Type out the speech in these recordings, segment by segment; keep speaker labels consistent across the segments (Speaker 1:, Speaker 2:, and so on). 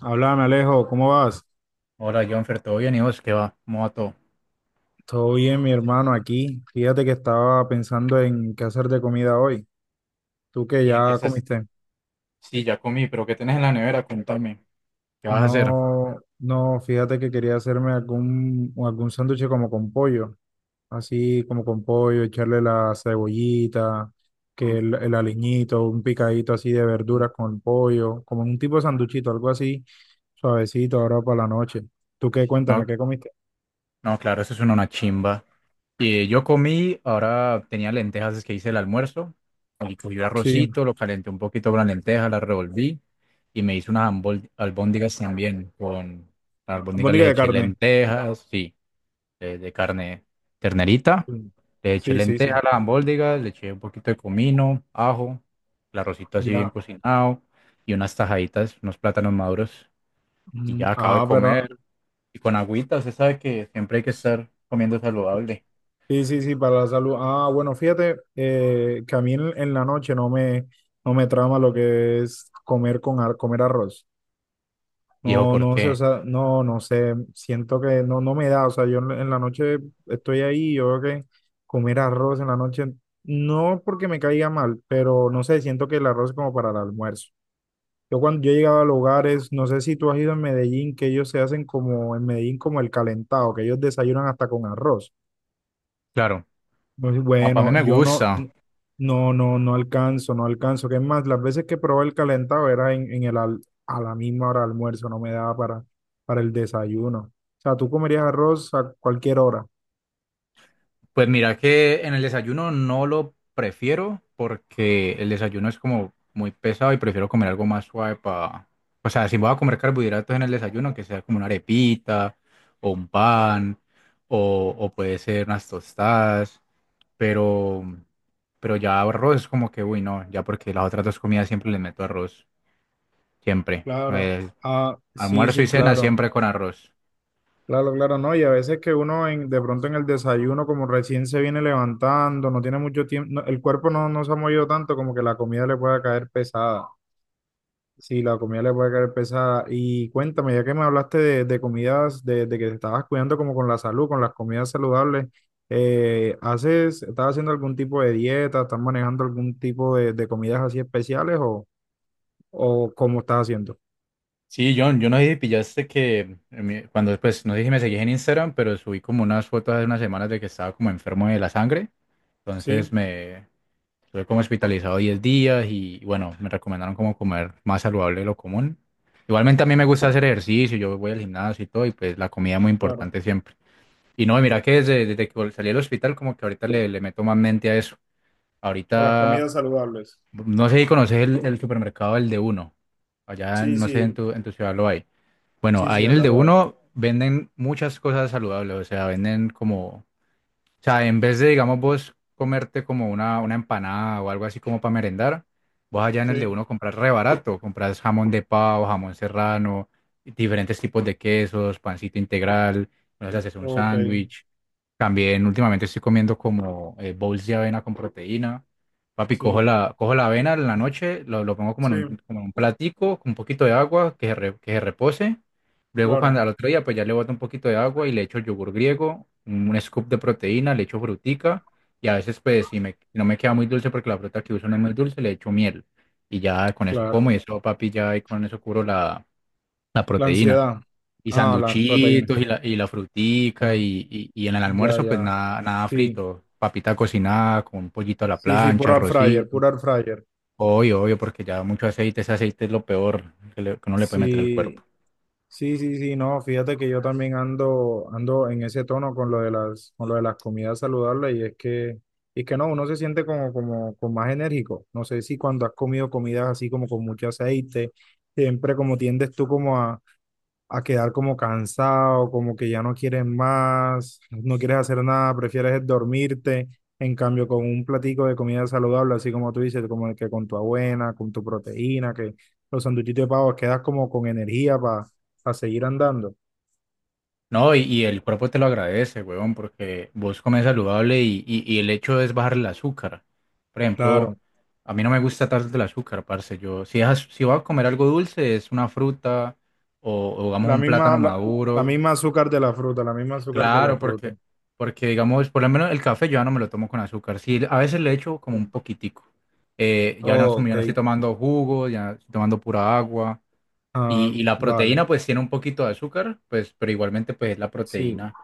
Speaker 1: Háblame, Alejo, ¿cómo vas?
Speaker 2: Hola, Jonfer, ¿todo bien? ¿Y vos qué va? ¿Cómo va todo?
Speaker 1: Todo bien, mi hermano, aquí. Fíjate que estaba pensando en qué hacer de comida hoy. Tú que
Speaker 2: ¿Y en qué
Speaker 1: ya
Speaker 2: estás?
Speaker 1: comiste.
Speaker 2: Sí, ya comí, pero ¿qué tenés en la nevera? Contame. ¿Qué vas a hacer?
Speaker 1: No, no, fíjate que quería hacerme algún sándwich como con pollo, así como con pollo, echarle la cebollita, que el aliñito, un picadito así de verduras con pollo, como un tipo de sanduchito, algo así, suavecito ahora para la noche. ¿Tú qué? Cuéntame,
Speaker 2: No,
Speaker 1: ¿qué comiste?
Speaker 2: no, claro, eso es una chimba. Y yo comí, ahora tenía lentejas, es que hice el almuerzo. Y cogí el
Speaker 1: Sí,
Speaker 2: arrocito, lo calenté un poquito con la lenteja, la revolví y me hice unas albóndigas también. Con las albóndigas
Speaker 1: bondiga
Speaker 2: les
Speaker 1: de
Speaker 2: eché
Speaker 1: carne.
Speaker 2: lentejas, sí. De carne, ternerita. Le eché
Speaker 1: Sí, sí, sí.
Speaker 2: lenteja
Speaker 1: Sí.
Speaker 2: a la albóndiga, le eché un poquito de comino, ajo, el arrocito así bien
Speaker 1: Ya.
Speaker 2: cocinado y unas tajaditas, unos plátanos maduros. Y
Speaker 1: Mm.
Speaker 2: ya acabo de
Speaker 1: Ah, pero
Speaker 2: comer. Y con agüita, usted sabe que siempre hay que estar comiendo saludable.
Speaker 1: sí, sí, sí, para la salud. Ah, bueno, fíjate que a mí en la noche no me, no me trama lo que es comer con comer arroz.
Speaker 2: Viejo,
Speaker 1: No, no sé, o
Speaker 2: porque,
Speaker 1: sea, no, no sé, siento que no, no me da, o sea, yo en la noche estoy ahí, yo creo que comer arroz en la noche, no porque me caiga mal, pero no sé, siento que el arroz es como para el almuerzo. Yo cuando yo he llegado a lugares, no sé si tú has ido en Medellín, que ellos se hacen como en Medellín como el calentado, que ellos desayunan hasta con arroz.
Speaker 2: claro,
Speaker 1: Muy
Speaker 2: para mí
Speaker 1: bueno,
Speaker 2: me
Speaker 1: yo no,
Speaker 2: gusta.
Speaker 1: no, no, no alcanzo, no alcanzo. Que es más, las veces que probé el calentado era en el a la misma hora de almuerzo, no me daba para el desayuno. O sea, tú comerías arroz a cualquier hora.
Speaker 2: Pues mira que en el desayuno no lo prefiero porque el desayuno es como muy pesado y prefiero comer algo más suave para… O sea, si voy a comer carbohidratos en el desayuno, que sea como una arepita o un pan o puede ser unas tostadas, pero, pero ya arroz es como que, uy, no, ya, porque las otras dos comidas siempre les meto arroz, siempre.
Speaker 1: Claro. Ah, sí,
Speaker 2: Almuerzo y
Speaker 1: sí,
Speaker 2: cena
Speaker 1: claro.
Speaker 2: siempre con arroz.
Speaker 1: Claro, claro, no. Y a veces que uno en, de pronto en el desayuno, como recién se viene levantando, no tiene mucho tiempo, no, el cuerpo no, no se ha movido tanto, como que la comida le pueda caer pesada. Sí, la comida le puede caer pesada. Y cuéntame, ya que me hablaste de comidas, de que te estabas cuidando como con la salud, con las comidas saludables, ¿haces, estás haciendo algún tipo de dieta? ¿Estás manejando algún tipo de comidas así especiales o cómo estás haciendo?
Speaker 2: Sí, John, yo no sé si pillaste que cuando después, no sé si me seguís en Instagram, pero subí como unas fotos hace unas semanas de que estaba como enfermo de la sangre. Entonces
Speaker 1: Sí,
Speaker 2: me estuve como hospitalizado 10 días y bueno, me recomendaron como comer más saludable de lo común. Igualmente a mí me gusta hacer ejercicio, yo voy al gimnasio y todo, y pues la comida es muy
Speaker 1: claro.
Speaker 2: importante siempre. Y no, mira que desde, desde que salí del hospital como que ahorita le meto más mente a eso.
Speaker 1: A las
Speaker 2: Ahorita,
Speaker 1: comidas saludables.
Speaker 2: no sé si conoces el supermercado, el de uno. Allá,
Speaker 1: Sí,
Speaker 2: no sé,
Speaker 1: sí,
Speaker 2: en tu ciudad lo hay. Bueno,
Speaker 1: sí, sí,
Speaker 2: ahí en el
Speaker 1: acá
Speaker 2: de
Speaker 1: lo hay.
Speaker 2: uno venden muchas cosas saludables, o sea, venden como, o sea, en vez de, digamos, vos comerte como una empanada o algo así como para merendar, vos allá en
Speaker 1: Sí,
Speaker 2: el de uno compras re barato, compras jamón de pavo, jamón serrano, diferentes tipos de quesos, pancito integral, no, haces un
Speaker 1: ok,
Speaker 2: sándwich, también últimamente estoy comiendo como bowls de avena con proteína. Papi,
Speaker 1: sí,
Speaker 2: cojo la avena en la noche, lo pongo
Speaker 1: sí,
Speaker 2: como en un platico con un poquito de agua, que se, que se repose. Luego cuando
Speaker 1: claro.
Speaker 2: al otro día pues ya le boto un poquito de agua y le echo yogur griego, un scoop de proteína, le echo frutica, y a veces pues si me, si no me queda muy dulce porque la fruta que uso no es muy dulce, le echo miel. Y ya con eso
Speaker 1: Claro.
Speaker 2: como, y eso, papi, ya, y con eso curo la, la
Speaker 1: La
Speaker 2: proteína.
Speaker 1: ansiedad.
Speaker 2: Y
Speaker 1: Ah, la proteína.
Speaker 2: sanduchitos y la frutica,
Speaker 1: Ah,
Speaker 2: y en el
Speaker 1: ya,
Speaker 2: almuerzo pues
Speaker 1: ya.
Speaker 2: nada, nada
Speaker 1: Sí.
Speaker 2: frito, papita cocinada con un pollito a la
Speaker 1: Sí, sí,
Speaker 2: plancha,
Speaker 1: puro air fryer,
Speaker 2: arrocito.
Speaker 1: puro air fryer.
Speaker 2: Obvio, obvio, porque ya mucho aceite, ese aceite es lo peor que, que uno le puede meter al cuerpo.
Speaker 1: Sí, sí, sí, sí, no, fíjate que yo también ando, ando en ese tono con lo de las, con lo de las comidas saludables y es que no, uno se siente como, como, como más enérgico. No sé si cuando has comido comidas así como con mucho aceite, siempre como tiendes tú como a quedar como cansado, como que ya no quieres más, no quieres hacer nada, prefieres es dormirte. En cambio, con un platico de comida saludable, así como tú dices, como el que con tu avena, con tu proteína, que los sanduchitos de pavo, quedas como con energía para seguir andando.
Speaker 2: No, y el cuerpo te lo agradece, huevón, porque vos comes saludable, y el hecho es bajar el azúcar. Por ejemplo,
Speaker 1: Claro,
Speaker 2: a mí no me gusta tanto el azúcar, parce. Yo, si, es si voy a comer algo dulce, es una fruta o digamos
Speaker 1: la
Speaker 2: un
Speaker 1: misma,
Speaker 2: plátano
Speaker 1: la
Speaker 2: maduro.
Speaker 1: misma azúcar de la fruta, la misma azúcar de la
Speaker 2: Claro,
Speaker 1: fruta.
Speaker 2: porque, porque digamos, por lo menos el café yo ya no me lo tomo con azúcar. Sí, a veces le echo como un poquitico. Ya no,
Speaker 1: Ok,
Speaker 2: ya no estoy tomando jugos, ya estoy tomando pura agua.
Speaker 1: ah,
Speaker 2: Y la
Speaker 1: vale,
Speaker 2: proteína pues tiene un poquito de azúcar, pues, pero igualmente pues es la
Speaker 1: sí.
Speaker 2: proteína.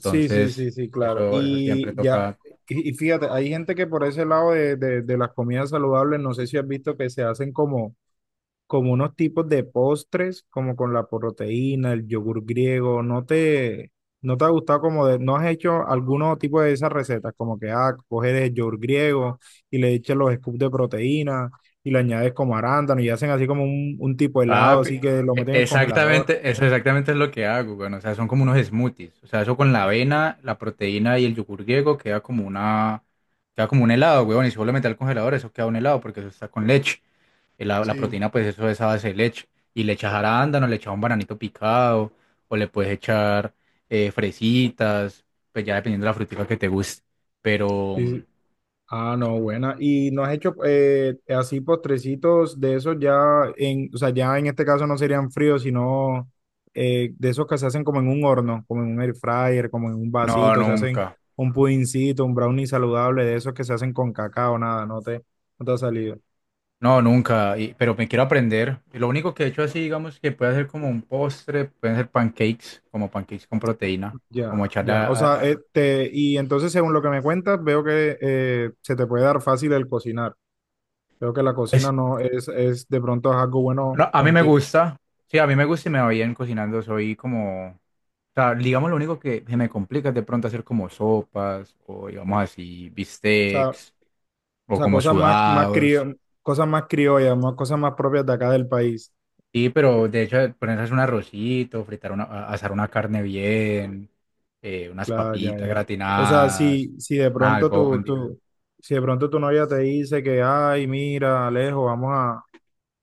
Speaker 1: Sí, sí, sí, sí, claro.
Speaker 2: eso siempre
Speaker 1: Y ya,
Speaker 2: toca.
Speaker 1: y fíjate, hay gente que por ese lado de las comidas saludables, no sé si has visto que se hacen como, como unos tipos de postres, como con la proteína, el yogur griego, ¿no te, no te ha gustado como de, no has hecho alguno tipo de esas recetas, como que, ah, coges el yogur griego y le echas los scoops de proteína y le añades como arándano y hacen así como un tipo de helado,
Speaker 2: Papi,
Speaker 1: así que lo meten en el congelador.
Speaker 2: exactamente, eso exactamente es lo que hago, bueno, o sea, son como unos smoothies, o sea, eso con la avena, la proteína y el yogur griego queda como una, queda como un helado, weón, y si vos lo metes al congelador, eso queda un helado, porque eso está con leche. La
Speaker 1: Sí.
Speaker 2: proteína, pues eso es a base de leche, y le echas arándano, le echas un bananito picado, o le puedes echar fresitas, pues ya dependiendo de la frutica que te guste, pero
Speaker 1: Sí. Ah, no, buena. ¿Y no has hecho así postrecitos de esos ya en, o sea, ya en este caso no serían fríos, sino de esos que se hacen como en un horno, como en un air fryer, como en un
Speaker 2: no,
Speaker 1: vasito, se hacen
Speaker 2: nunca.
Speaker 1: un pudincito, un brownie saludable, de esos que se hacen con cacao, nada, no te, no te ha salido.
Speaker 2: No, nunca, pero me quiero aprender. Y lo único que he hecho así, digamos, que puede ser como un postre, pueden ser pancakes, como pancakes con proteína,
Speaker 1: Ya,
Speaker 2: como echarle
Speaker 1: ya. O sea,
Speaker 2: a-
Speaker 1: este, y entonces según lo que me cuentas, veo que se te puede dar fácil el cocinar. Veo que la
Speaker 2: Pues,
Speaker 1: cocina no es, es de pronto es algo bueno
Speaker 2: no, a mí me
Speaker 1: contigo.
Speaker 2: gusta, sí, a mí me gusta y me va bien cocinando, soy como… O sea, digamos, lo único que se me complica es de pronto hacer como sopas, o digamos así, bistecs,
Speaker 1: O
Speaker 2: o
Speaker 1: sea,
Speaker 2: como
Speaker 1: cosas más, más
Speaker 2: sudados.
Speaker 1: cosas más criollas, más, cosas más propias de acá del país.
Speaker 2: Sí, pero de hecho, ponerse a hacer un arrocito, fritar una, asar una carne bien, unas
Speaker 1: Claro, ya,
Speaker 2: papitas
Speaker 1: ya. O sea,
Speaker 2: gratinadas,
Speaker 1: si, si de
Speaker 2: nada,
Speaker 1: pronto tu,
Speaker 2: albóndigas.
Speaker 1: tu, si de pronto tu novia te dice que, ay, mira, Alejo, vamos a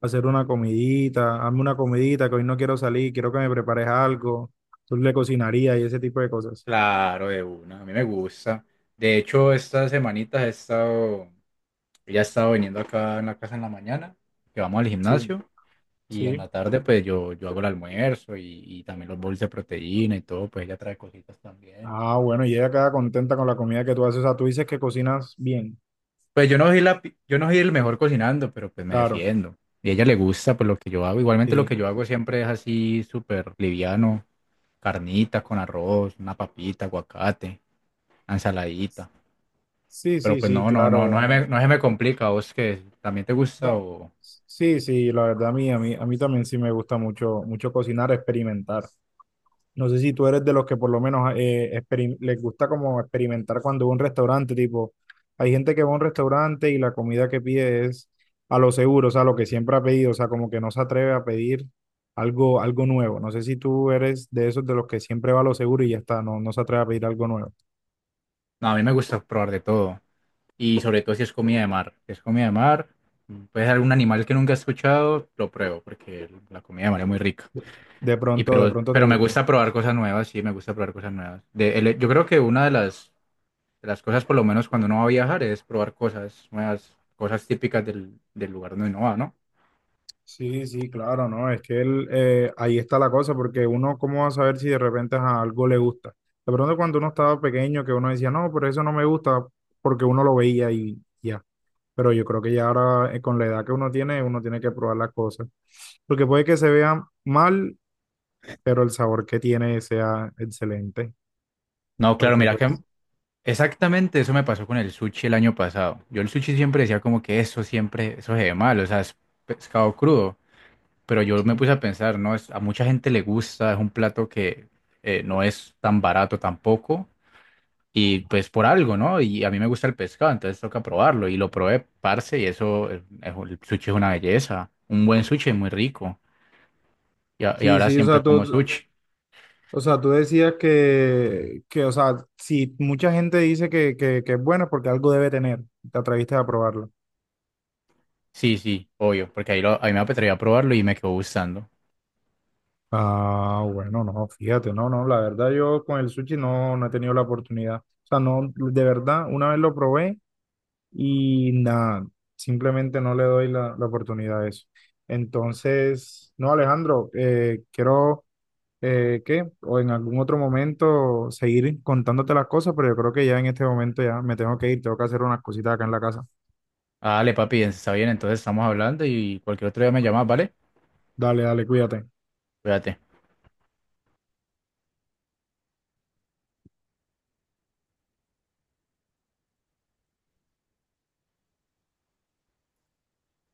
Speaker 1: hacer una comidita, hazme una comidita, que hoy no quiero salir, quiero que me prepares algo, tú le cocinarías y ese tipo de cosas.
Speaker 2: Claro, de una, a mí me gusta. De hecho, estas semanitas he estado, ella ha estado viniendo acá en la casa en la mañana, que vamos al
Speaker 1: Sí,
Speaker 2: gimnasio, y en la
Speaker 1: sí.
Speaker 2: tarde pues yo hago el almuerzo y también los bowls de proteína y todo, pues ella trae cositas también.
Speaker 1: Ah, bueno, y ella queda contenta con la comida que tú haces. O sea, tú dices que cocinas bien.
Speaker 2: Pues yo no soy la, yo no soy el mejor cocinando, pero pues me
Speaker 1: Claro,
Speaker 2: defiendo. Y a ella le gusta pues lo que yo hago. Igualmente lo
Speaker 1: sí.
Speaker 2: que yo hago siempre es así súper liviano, carnita con arroz, una papita, aguacate, una ensaladita.
Speaker 1: Sí,
Speaker 2: Pero
Speaker 1: sí,
Speaker 2: pues
Speaker 1: sí,
Speaker 2: no, no,
Speaker 1: claro.
Speaker 2: no, no se
Speaker 1: Bueno.
Speaker 2: me, no se me complica. ¿A ¿Vos que también te gusta
Speaker 1: No,
Speaker 2: o…?
Speaker 1: sí, sí, la verdad a mí, a mí, a mí también sí me gusta mucho, mucho cocinar, experimentar. No sé si tú eres de los que por lo menos les gusta como experimentar cuando va a un restaurante, tipo, hay gente que va a un restaurante y la comida que pide es a lo seguro, o sea, lo que siempre ha pedido, o sea, como que no se atreve a pedir algo, algo nuevo. No sé si tú eres de esos de los que siempre va a lo seguro y ya está, no, no se atreve a pedir algo nuevo.
Speaker 2: No, a mí me gusta probar de todo. Y sobre todo si es comida de mar. Si es comida de mar, puede ser algún animal que nunca he escuchado, lo pruebo, porque la comida de mar es muy rica. Y
Speaker 1: De pronto te
Speaker 2: pero me
Speaker 1: guste.
Speaker 2: gusta probar cosas nuevas, sí, me gusta probar cosas nuevas. De, yo creo que una de las cosas, por lo menos cuando uno va a viajar, es probar cosas nuevas, cosas típicas del, del lugar donde uno va, ¿no?
Speaker 1: Sí, sí, claro, ¿no? Es que él, ahí está la cosa, porque uno, ¿cómo va a saber si de repente a algo le gusta? De pronto cuando uno estaba pequeño, que uno decía, no, pero eso no me gusta, porque uno lo veía y ya. Pero yo creo que ya ahora, con la edad que uno tiene que probar las cosas. Porque puede que se vea mal, pero el sabor que tiene sea excelente.
Speaker 2: No, claro,
Speaker 1: Porque
Speaker 2: mira que
Speaker 1: pues,
Speaker 2: exactamente, eso me pasó con el sushi el año pasado. Yo el sushi siempre decía como que eso siempre, eso se ve mal, o sea, es pescado crudo. Pero yo me
Speaker 1: sí.
Speaker 2: puse a pensar, no, es, a mucha gente le gusta, es un plato que no es tan barato tampoco. Y pues por algo, ¿no? Y a mí me gusta el pescado, entonces toca probarlo. Y lo probé, parce, y eso, el sushi es una belleza. Un buen sushi es muy rico. Y, y
Speaker 1: Sí,
Speaker 2: ahora
Speaker 1: sí, o
Speaker 2: siempre
Speaker 1: sea, todo.
Speaker 2: como sushi.
Speaker 1: O sea, tú decías que, o sea, si mucha gente dice que es bueno es porque algo debe tener, te atreviste a probarlo.
Speaker 2: Sí, sí, obvio, porque ahí, lo, ahí me atreví a probarlo y me quedó gustando.
Speaker 1: Ah, bueno, no, fíjate, no, no, la verdad yo con el sushi no, no he tenido la oportunidad. O sea, no, de verdad, una vez lo probé y nada, simplemente no le doy la, la oportunidad a eso. Entonces, no, Alejandro, quiero ¿qué? O en algún otro momento seguir contándote las cosas, pero yo creo que ya en este momento ya me tengo que ir, tengo que hacer unas cositas acá en la casa.
Speaker 2: Ah, dale, papi, está bien, entonces estamos hablando y cualquier otro día me llamas, ¿vale?
Speaker 1: Dale, dale, cuídate.
Speaker 2: Cuídate.